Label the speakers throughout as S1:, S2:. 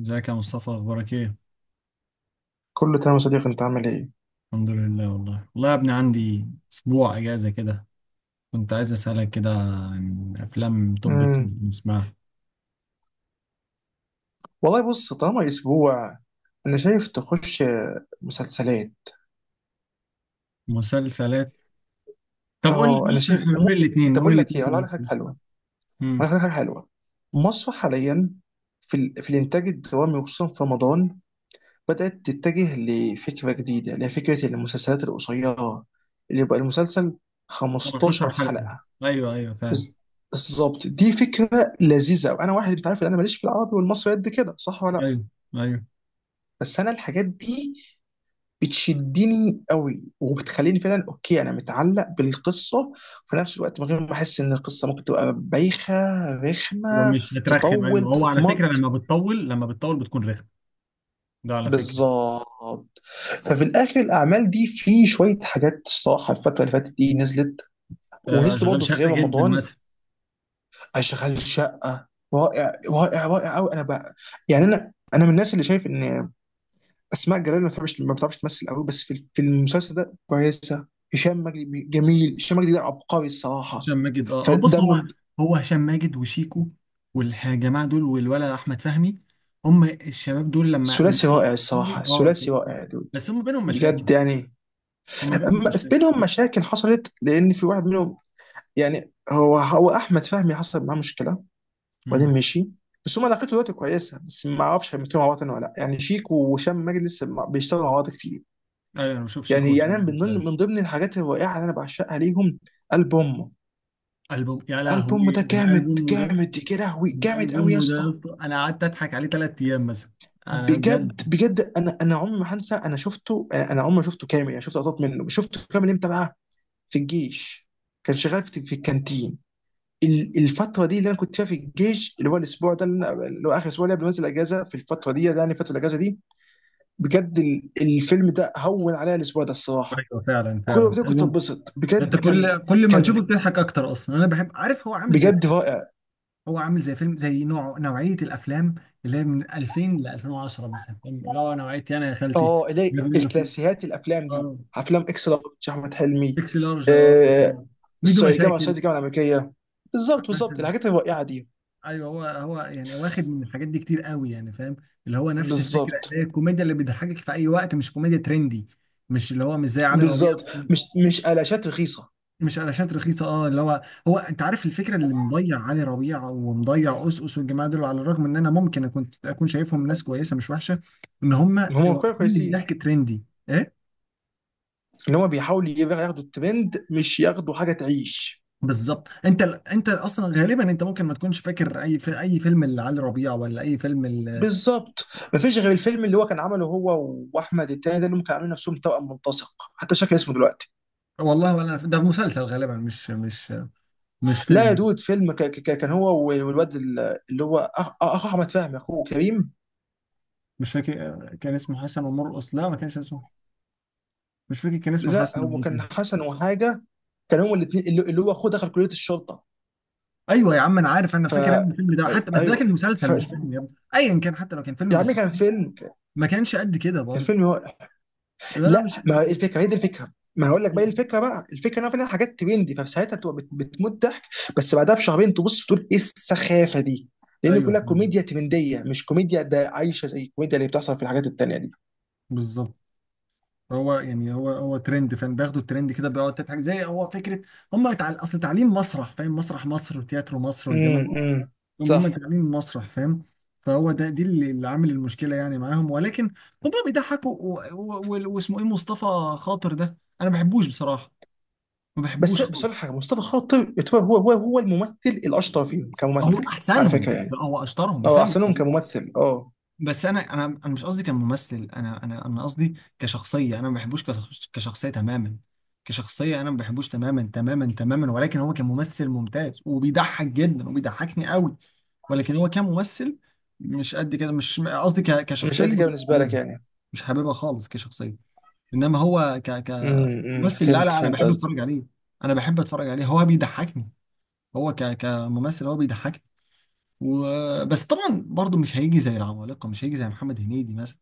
S1: ازيك يا مصطفى؟ اخبارك ايه؟
S2: كله تمام يا صديقي، انت عامل ايه؟
S1: الحمد لله، والله والله يا ابني. عندي اسبوع اجازه كده. كنت عايز اسالك كده عن افلام. طب
S2: امم.
S1: نسمعها.
S2: والله بص، طالما اسبوع انا شايف تخش مسلسلات.
S1: مسلسلات. طب قول
S2: اه،
S1: لي،
S2: انا
S1: بص
S2: شايف.
S1: احنا نقول
S2: وممكن،
S1: الاثنين
S2: طب
S1: نقول
S2: اقول لك ايه، اقول
S1: الاثنين
S2: لك حاجه حلوه.
S1: امم
S2: اقول لك حاجه حلوه. مصر حاليا في الانتاج الدرامي، وخصوصا في رمضان، بدات تتجه لفكره جديده، اللي هي فكره المسلسلات القصيره، اللي يبقى المسلسل
S1: 15
S2: 15
S1: حلقه.
S2: حلقه.
S1: ايوه ايوه فعلا.
S2: بز- بالظبط، دي فكره لذيذه قوي. انا واحد انت عارف ان انا ماليش في العربي والمصري قد كده، صح ولا لا؟
S1: ايوه ايوه.
S2: بس انا الحاجات دي بتشدني قوي، وبتخليني فعلا اوكي، انا متعلق بالقصه، في نفس الوقت من غير ما احس ان القصه ممكن تبقى بايخه،
S1: هو
S2: رخمه،
S1: مش هترخم؟
S2: تطول،
S1: ايوه هو على فكره
S2: تتمط.
S1: لما بتطول بتكون رخم. ده على فكره.
S2: بالظبط. ففي الاخر الاعمال دي في شويه حاجات الصراحه، الفتره اللي فاتت دي نزلت،
S1: آه،
S2: ونزلوا
S1: اشغال
S2: برضه في غير
S1: شقه جدا.
S2: رمضان. اشغال شقه، رائع رائع رائع قوي. انا بقى يعني انا من الناس اللي شايف ان اسماء جلال ما بتعرفش تمثل قوي، بس في المسلسل ده كويسه. هشام مجدي جميل، هشام مجدي ده عبقري الصراحه.
S1: هشام ماجد، هو بص.
S2: فده
S1: هو
S2: من
S1: هو هشام ماجد وشيكو والجماعه دول والولا احمد فهمي. هم الشباب دول لما من.
S2: ثلاثي رائع الصراحه،
S1: اه
S2: ثلاثي رائع يا دود.
S1: بس هم بينهم مشاكل.
S2: بجد يعني.
S1: هم بينهم
S2: في
S1: مشاكل.
S2: بينهم مشاكل حصلت لان في واحد منهم، يعني هو احمد فهمي، حصل معاه مشكله وبعدين
S1: امم
S2: مشي. بس هم علاقته دلوقتي كويسه، بس ما اعرفش هيمثلوا مع بعض تاني ولا لا، يعني شيك وهشام مجدي لسه بيشتغلوا مع بعض كتير.
S1: ايوه انا بشوف شيكو
S2: يعني
S1: هشام
S2: أنا
S1: ماجد ده.
S2: من ضمن الحاجات الرائعه اللي انا بعشقها ليهم، البوم.
S1: البوم، يا
S2: البوم
S1: لهوي
S2: ده
S1: من
S2: جامد
S1: البوم ده.
S2: جامد يا لهوي،
S1: من
S2: جامد قوي يا
S1: البوم ده
S2: اسطى.
S1: يا اسطى، انا قعدت اضحك عليه 3 ايام مثلا. انا
S2: بجد
S1: بجد.
S2: بجد، انا عمري ما هنسى، انا شفته، انا عمري ما شفته كامل، يعني شفت لقطات منه. شفته كامل امتى بقى؟ في الجيش، كان شغال في الكانتين. الفتره دي اللي انا كنت فيها في الجيش، اللي هو الاسبوع ده اللي هو اخر اسبوع، اللي قبل ما انزل اجازه. في الفتره دي يعني، فتره الاجازه دي، بجد الفيلم ده هون عليا الاسبوع ده الصراحه.
S1: ايوه فعلا
S2: كل
S1: فعلا
S2: وقت كنت
S1: البوم
S2: اتبسط
S1: ده،
S2: بجد.
S1: انت
S2: كان
S1: كل ما تشوفه
S2: كان
S1: بتضحك اكتر اصلا. انا بحب، عارف هو عامل زي،
S2: بجد رائع.
S1: هو عامل زي فيلم، زي نوعية الأفلام اللي هي من 2000 ل 2010 مثلا، فاهم؟ اللي هو نوعية، أنا يا خالتي
S2: اه،
S1: جاب
S2: اللي
S1: منه فيه.
S2: الكلاسيكيات، الافلام دي،
S1: اه.
S2: افلام اكس لارج، احمد حلمي.
S1: اكس لارج، اه مثلاً.
S2: آه.
S1: ميدو
S2: الصعيدي، جامعه
S1: مشاكل
S2: الصعيدي، الجامعه الامريكيه. بالظبط بالظبط،
S1: مثلا.
S2: الحاجات الرائعه دي.
S1: ايوه، هو هو يعني واخد من الحاجات دي كتير قوي، يعني فاهم. اللي هو نفس الفكرة اللي
S2: بالظبط
S1: هي الكوميديا اللي بتضحكك في أي وقت، مش كوميديا ترندي. مش اللي هو مش زي علي ربيع
S2: بالظبط، مش
S1: مثلا.
S2: مش قلاشات رخيصه.
S1: مش قلاشات رخيصه، اه اللي هو. هو انت عارف الفكره اللي مضيع علي ربيع ومضيع قصقص والجماعه دول، على الرغم ان انا ممكن اكون شايفهم ناس كويسه مش وحشه. ان هم
S2: ان هم
S1: واخدين
S2: كويسين.
S1: الضحك ترندي. ايه؟
S2: ان هم بيحاولوا ياخدوا الترند، مش ياخدوا حاجه تعيش.
S1: بالظبط. انت اصلا غالبا، انت ممكن ما تكونش فاكر اي، في اي فيلم لعلي ربيع ولا اي فيلم
S2: بالظبط. مفيش غير الفيلم اللي هو كان عمله هو واحمد التاني ده، اللي هم كانوا عاملين نفسهم توأم ملتصق، حتى شكل اسمه دلوقتي.
S1: والله ولا أنا. ده مسلسل غالبا، مش مش
S2: لا يا
S1: فيلم.
S2: دود، فيلم، كان هو والواد اللي هو أخ احمد فهمي، اخوه كريم.
S1: مش فاكر كان اسمه حسن ومرقص. لا، ما كانش اسمه. مش فاكر كان اسمه
S2: لا
S1: حسن
S2: هو
S1: ايه
S2: كان
S1: كده.
S2: حسن وحاجه، كان هما الاثنين اللي هو اخوه دخل كليه الشرطه.
S1: ايوه يا عم انا عارف، انا
S2: ف
S1: فاكر ان الفيلم ده حتى، بس ده
S2: ايوه.
S1: كان
S2: ف
S1: مسلسل مش فيلم يا ابني. ايا كان، حتى لو كان فيلم،
S2: يا عمي
S1: بس
S2: كان فيلم،
S1: ما كانش قد كده برضه.
S2: هو...
S1: لا
S2: لا،
S1: مش
S2: ما
S1: قد
S2: هي
S1: كده.
S2: الفكره هي دي الفكره، ما هقول لك بقى إيه الفكره بقى. الفكره ان انا حاجات ترندي، فساعتها تبقى بتموت ضحك، بس بعدها بشهرين تبص تقول ايه السخافه دي. لان
S1: ايوه
S2: كلها
S1: فاهم.
S2: كوميديا ترنديه، مش كوميديا ده عايشه زي الكوميديا اللي بتحصل في الحاجات التانيه دي.
S1: بالظبط. هو يعني هو ترند، فاهم؟ بياخدوا الترند كده بيقعد تضحك، زي هو فكره. هم تعال اصل تعليم مسرح، فاهم؟ مسرح مصر وتياترو مصر والجامعه
S2: امم.
S1: دي.
S2: أمم.
S1: هم
S2: صح.
S1: تعليم مسرح، فاهم. فهو ده دي اللي عامل المشكله يعني معاهم، ولكن هم بيضحكوا. واسمه ايه، مصطفى خاطر ده، انا ما بحبوش بصراحه. ما بحبوش
S2: بس
S1: خالص.
S2: أقول لك حاجه، مصطفى خاطر يعتبر هو الممثل الاشطر فيهم كممثل،
S1: هو
S2: على فكره
S1: احسنهم؟ لا،
S2: يعني.
S1: هو اشطرهم بس
S2: اه،
S1: انا
S2: احسنهم
S1: بحبه.
S2: كممثل، اه.
S1: بس انا، انا مش قصدي كممثل. انا، انا قصدي كشخصيه. انا ما بحبوش كشخصيه تماما. كشخصيه انا ما بحبوش، تماما تماما تماما. ولكن هو كممثل ممتاز وبيضحك جدا وبيضحكني قوي. ولكن هو كممثل مش قد كده. مش قصدي
S2: مش
S1: كشخصيه،
S2: قد كده
S1: مش
S2: بالنسبه لك
S1: حاببها.
S2: يعني.
S1: مش حاببها خالص كشخصيه. انما هو
S2: امم،
S1: كممثل، لا
S2: فهمت
S1: لا انا
S2: فهمت
S1: بحب
S2: قصدك.
S1: اتفرج عليه. انا بحب اتفرج عليه، هو بيضحكني. هو كممثل هو بيضحكني. بس طبعا برضو مش هيجي زي العمالقه، مش هيجي زي محمد هنيدي مثلا.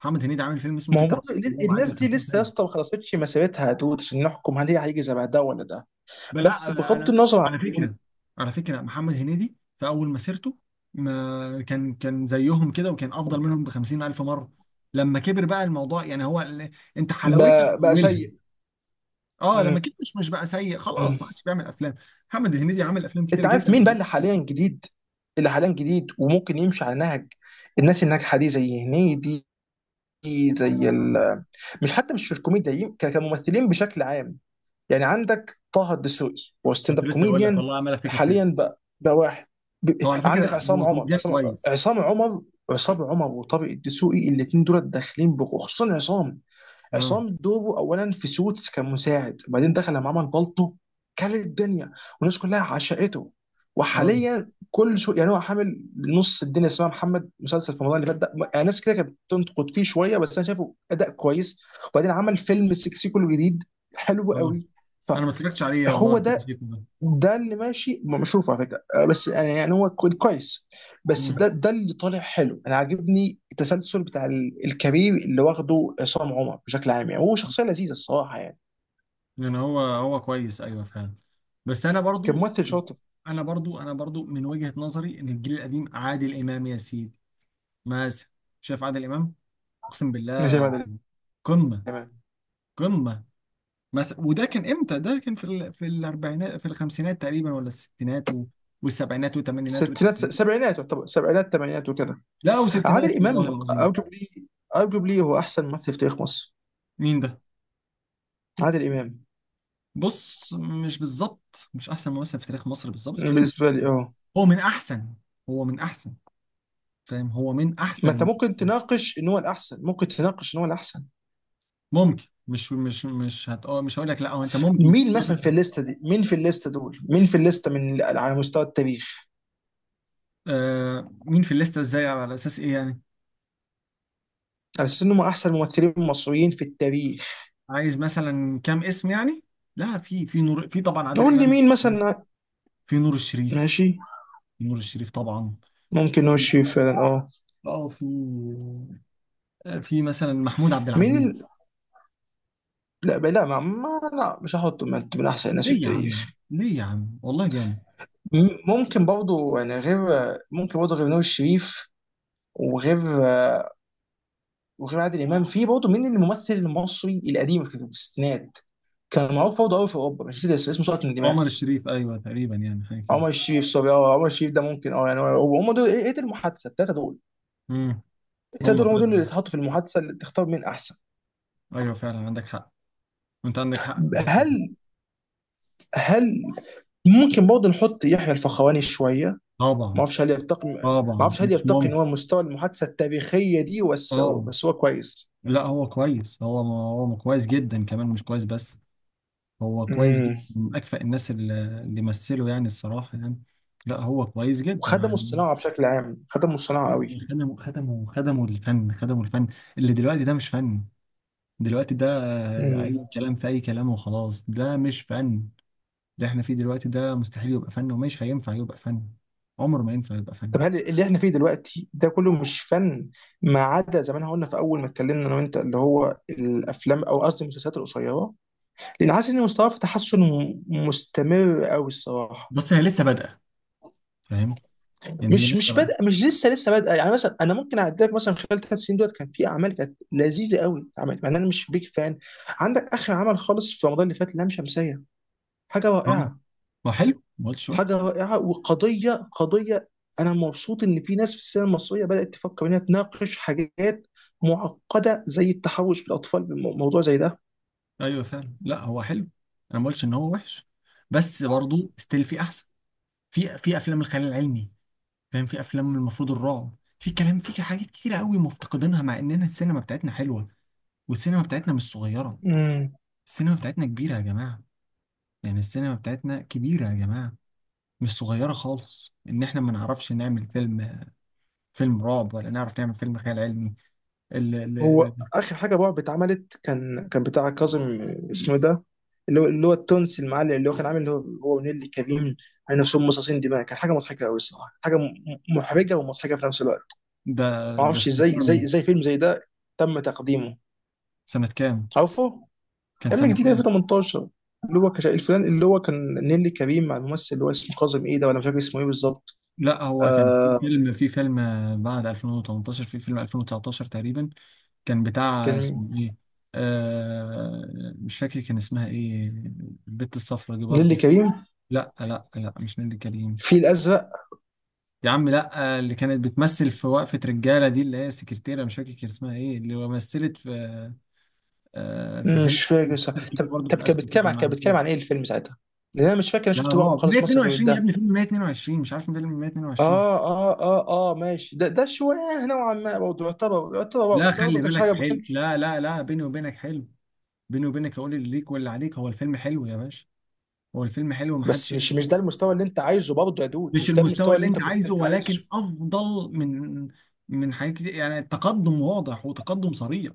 S1: محمد هنيدي عامل فيلم اسمه
S2: ما هو
S1: تيتا رهيب،
S2: برضه
S1: وهو معدي
S2: الناس
S1: ال
S2: دي
S1: 50
S2: لسه يا
S1: سنه.
S2: اسطى ما خلصتش مسيرتها يا دود، عشان نحكم هل هي هيجي زي ده ولا ده.
S1: بل
S2: بس
S1: لا
S2: بغض
S1: انا
S2: النظر عن
S1: على
S2: دول.
S1: فكره. على فكره محمد هنيدي في اول مسيرته ما كان زيهم كده، وكان افضل منهم ب 50 الف مره. لما كبر بقى الموضوع، يعني هو انت حلاوتها في
S2: بقى
S1: اولها.
S2: سيء.
S1: اه لما
S2: امم.
S1: كبر، مش بقى سيء خلاص، ما عادش بيعمل افلام. محمد هنيدي عامل افلام كتير
S2: انت عارف
S1: جدا.
S2: مين بقى اللي حاليا جديد وممكن يمشي على نهج الناس الناجحه دي، زي هنيدي، زي
S1: آه،
S2: ال مش حتى مش الكوميديا، كممثلين بشكل عام، يعني عندك طه الدسوقي هو ستاند
S1: كنت
S2: اب
S1: لسه هقول لك
S2: كوميديان.
S1: والله، عمال افتكر فيلم.
S2: حاليا بقى واحد، ب-
S1: هو على
S2: عندك
S1: فكره
S2: عصام
S1: هو
S2: عمر،
S1: كوميديان كويس.
S2: عصام عمر وطارق الدسوقي، الاثنين دول داخلين خصوصا عصام.
S1: اه
S2: عصام دوره اولا في سوتس كان مساعد، وبعدين دخل لما عمل بالطو. كل الدنيا والناس كلها عشقته.
S1: اه
S2: وحاليا كل شو، يعني هو حامل نص الدنيا، اسمها محمد، مسلسل في رمضان اللي فات ده، يعني ناس كده كانت بتنتقد فيه شويه، بس انا شايفه اداء كويس. وبعدين عمل فيلم سيكسيكو الجديد، حلو
S1: اه
S2: قوي.
S1: انا ما اتفرجتش عليه
S2: فهو
S1: والله، سيكو
S2: ده،
S1: سيكو ده.
S2: اللي ماشي مشروف على فكره، آه، بس يعني هو كويس. بس
S1: مم.
S2: ده اللي طالع حلو. انا عاجبني التسلسل بتاع الكارير اللي واخده عصام عمر بشكل عام، يعني هو شخصيه لذيذه الصراحه يعني،
S1: يعني هو كويس، ايوه فعلا. بس انا برضو،
S2: كممثل شاطر.
S1: انا برضو من وجهة نظري ان الجيل القديم عادل امام يا سيدي. مثلا شايف عادل امام، اقسم
S2: انا شايف
S1: بالله
S2: عادل
S1: قمة.
S2: امام.
S1: قمة مثلا. وده كان امتى؟ ده كان في في الاربعينات، في الخمسينات تقريبا، ولا الستينات والسبعينات والثمانينات
S2: ستينات
S1: والتسعينات.
S2: سبعينات، يعتبر سبعينات ثمانينات وكده.
S1: لا وستينات
S2: عادل
S1: والله
S2: امام
S1: العظيم.
S2: ارجوبلي، ارجوبلي هو احسن ممثل في تاريخ مصر.
S1: مين ده؟
S2: عادل امام
S1: بص مش بالظبط مش احسن ممثل في تاريخ مصر بالظبط، في.
S2: بالنسبه لي، اه.
S1: هو من احسن. هو من احسن. فاهم، هو من
S2: ما انت
S1: احسن.
S2: ممكن تناقش ان هو الاحسن، ممكن تناقش ان هو الاحسن.
S1: ممكن، مش مش مش هت... آه، مش هقول لك لا. هو انت ممكن
S2: مين مثلا
S1: تتناقش.
S2: في الليسته دي، مين في الليسته دول، مين في الليسته من على مستوى التاريخ؟
S1: آه، مين في الليسته؟ ازاي على اساس ايه يعني؟
S2: على اساس انهم احسن ممثلين مصريين في التاريخ.
S1: عايز مثلا كام اسم يعني؟ لا في نور، في طبعا عادل
S2: نقول لي
S1: امام.
S2: مين مثلا.
S1: في نور الشريف.
S2: ماشي.
S1: في نور الشريف طبعا.
S2: ممكن وشي فعلا، اه.
S1: اه في، آه، في مثلا محمود عبد
S2: مين
S1: العزيز.
S2: ال... لا لا ما لا مش هحطه من احسن الناس في
S1: ليه يا عم؟
S2: التاريخ.
S1: ليه يا عم؟ والله جامد.
S2: ممكن برضه يعني غير، ممكن برضه غير نور الشريف، وغير وغير عادل امام. في برضه مين الممثل المصري القديم في الستينات، كان معروف برضه قوي في اوروبا، مش نسيت اسمه سقط من
S1: عمر
S2: دماغي.
S1: الشريف ايوه، تقريبا يعني حاجه كده.
S2: عمر الشريف سوري، اه عمر الشريف ده ممكن، اه يعني هم دول، ايه دي المحادثه الثلاثه دول.
S1: امم.
S2: الثلاثه
S1: هم
S2: دول هم دول اللي
S1: فعلا.
S2: اتحطوا في المحادثه، اللي تختار مين احسن.
S1: ايوه فعلا عندك حق. انت عندك حق في الحته دي.
S2: هل هل ممكن برضه نحط يحيى الفخراني شويه؟
S1: طبعا.
S2: ما
S1: طبعا
S2: اعرفش هل
S1: مش
S2: يرتقي ان
S1: ممكن.
S2: هو مستوى المحادثه التاريخيه دي، بس
S1: اه.
S2: هو كويس.
S1: لا هو كويس، هو هو كويس جدا كمان مش كويس بس. هو كويس جدا
S2: امم.
S1: من اكفأ الناس اللي مثلوا يعني، الصراحه يعني. لا هو كويس جدا
S2: وخدموا
S1: يعني.
S2: الصناعه بشكل عام، خدموا الصناعه قوي.
S1: خدموا الفن، خدموا الفن. اللي دلوقتي ده مش فن. دلوقتي ده، آه،
S2: امم.
S1: اي كلام في اي كلام وخلاص، ده مش فن. اللي احنا فيه دلوقتي ده مستحيل يبقى فن ومش هينفع يبقى فن. عمره ما ينفع يبقى فن.
S2: طب هل اللي احنا فيه دلوقتي ده كله مش فن، ما عدا زي ما احنا قلنا في اول ما اتكلمنا انا وانت، اللي هو الافلام، او قصدي المسلسلات القصيره؟ لان حاسس ان مستواه في تحسن مستمر قوي الصراحه.
S1: بس هي لسه بادئه، فاهم؟ يعني هي
S2: مش
S1: لسه
S2: مش
S1: بادئه.
S2: بادئه، مش لسه بادئه يعني، مثلا انا ممكن اعدي لك مثلا خلال 3 سنين دولت كان في اعمال كانت لذيذه قوي اتعملت، مع ان انا مش بيك فان. عندك اخر عمل خالص في رمضان اللي فات، لام شمسيه، حاجه رائعه.
S1: هو حلو، ما قلتش وحش.
S2: حاجه رائعه، وقضيه قضيه. انا مبسوط ان في ناس في السينما المصريه بدات تفكر انها تناقش حاجات معقده، زي التحرش بالاطفال، بموضوع زي
S1: ايوه فعلا لا هو حلو. انا ما قلتش ان هو وحش. بس برضه ستيل في احسن. في افلام الخيال العلمي، فاهم؟ في افلام المفروض الرعب، في كلام، في حاجات كتير قوي مفتقدينها، مع اننا السينما بتاعتنا حلوه. والسينما بتاعتنا مش صغيره.
S2: ده.
S1: السينما بتاعتنا كبيره يا جماعه. يعني السينما بتاعتنا كبيره يا جماعه، مش صغيره خالص ان احنا ما نعرفش نعمل فيلم. فيلم رعب ولا نعرف نعمل فيلم خيال علمي. ال- ال-
S2: هو
S1: ال-
S2: اخر حاجه رعب اتعملت كان بتاع كاظم، اسمه إيه ده، اللي هو التونسي المعلم، اللي هو كان عامل، اللي هو ونيلي كريم على نفسهم مصاصين دماء، كان حاجه مضحكه قوي الصراحه، حاجه محرجه ومضحكه في نفس الوقت.
S1: ده
S2: ما
S1: ده
S2: اعرفش
S1: سنه كام ده؟
S2: ازاي فيلم زي ده تم تقديمه؟
S1: سنه كام؟
S2: عارفه؟
S1: كان
S2: يا ابني
S1: سنه
S2: جديد
S1: كام؟
S2: 2018، اللي هو الفلان اللي هو كان نيلي كريم مع الممثل اللي هو اسمه كاظم ايه ده، ولا مش فاكر اسمه ايه بالظبط.
S1: لا هو كان في
S2: آه.
S1: فيلم في فيلم بعد 2018، في فيلم 2019 تقريبا. كان بتاع
S2: كان مين؟
S1: اسمه ايه، آه، مش فاكر كان اسمها ايه. البت الصفرا دي
S2: نيلي
S1: برضو.
S2: كريم
S1: لا لا لا مش نيللي كريم.
S2: في الازرق.
S1: يا عم لا، اللي كانت بتمثل في وقفة رجالة دي، اللي هي سكرتيرة، مش فاكر كان اسمها ايه، اللي مثلت في آه في فيلم.
S2: مش فاكر صح.
S1: كبير
S2: طب
S1: برضه في
S2: كان
S1: اخر كده
S2: بيتكلم عن،
S1: معاهم كده.
S2: ايه الفيلم ساعتها؟ لان انا مش فاكر انا
S1: لا
S2: شفت رعب
S1: رعب
S2: خالص مصري غير
S1: 122 يا
S2: ده.
S1: ابني، فيلم 122 مش عارف فيلم 122.
S2: اه، اه، اه، اه، ماشي، ده ده شويه نوعا ما برضه يعتبر رعب،
S1: لا
S2: بس برضه
S1: خلي
S2: كانش
S1: بالك
S2: حاجه، ما
S1: حلو،
S2: كانش.
S1: لا لا لا بيني وبينك حلو. بيني وبينك هقول اللي ليك واللي عليك، هو الفيلم حلو يا باشا. هو الفيلم حلو
S2: بس
S1: ومحدش يقدر
S2: مش
S1: يقول
S2: ده
S1: وحش.
S2: المستوى اللي انت عايزه برضه يا دود،
S1: مش
S2: مش ده
S1: المستوى
S2: المستوى
S1: اللي
S2: اللي انت
S1: انت
S2: كنت
S1: عايزه،
S2: انت عايزه.
S1: ولكن افضل من، من حاجات كتير يعني. التقدم واضح، وتقدم صريح.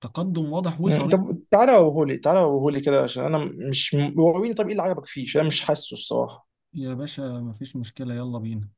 S1: تقدم واضح
S2: مم.
S1: وصريح.
S2: طب تعالى وريهولي، تعالى وريهولي كده، عشان انا مش، وريني طب ايه اللي عجبك فيه، عشان انا مش حاسه الصراحه.
S1: يا باشا مفيش مشكلة، يلا بينا.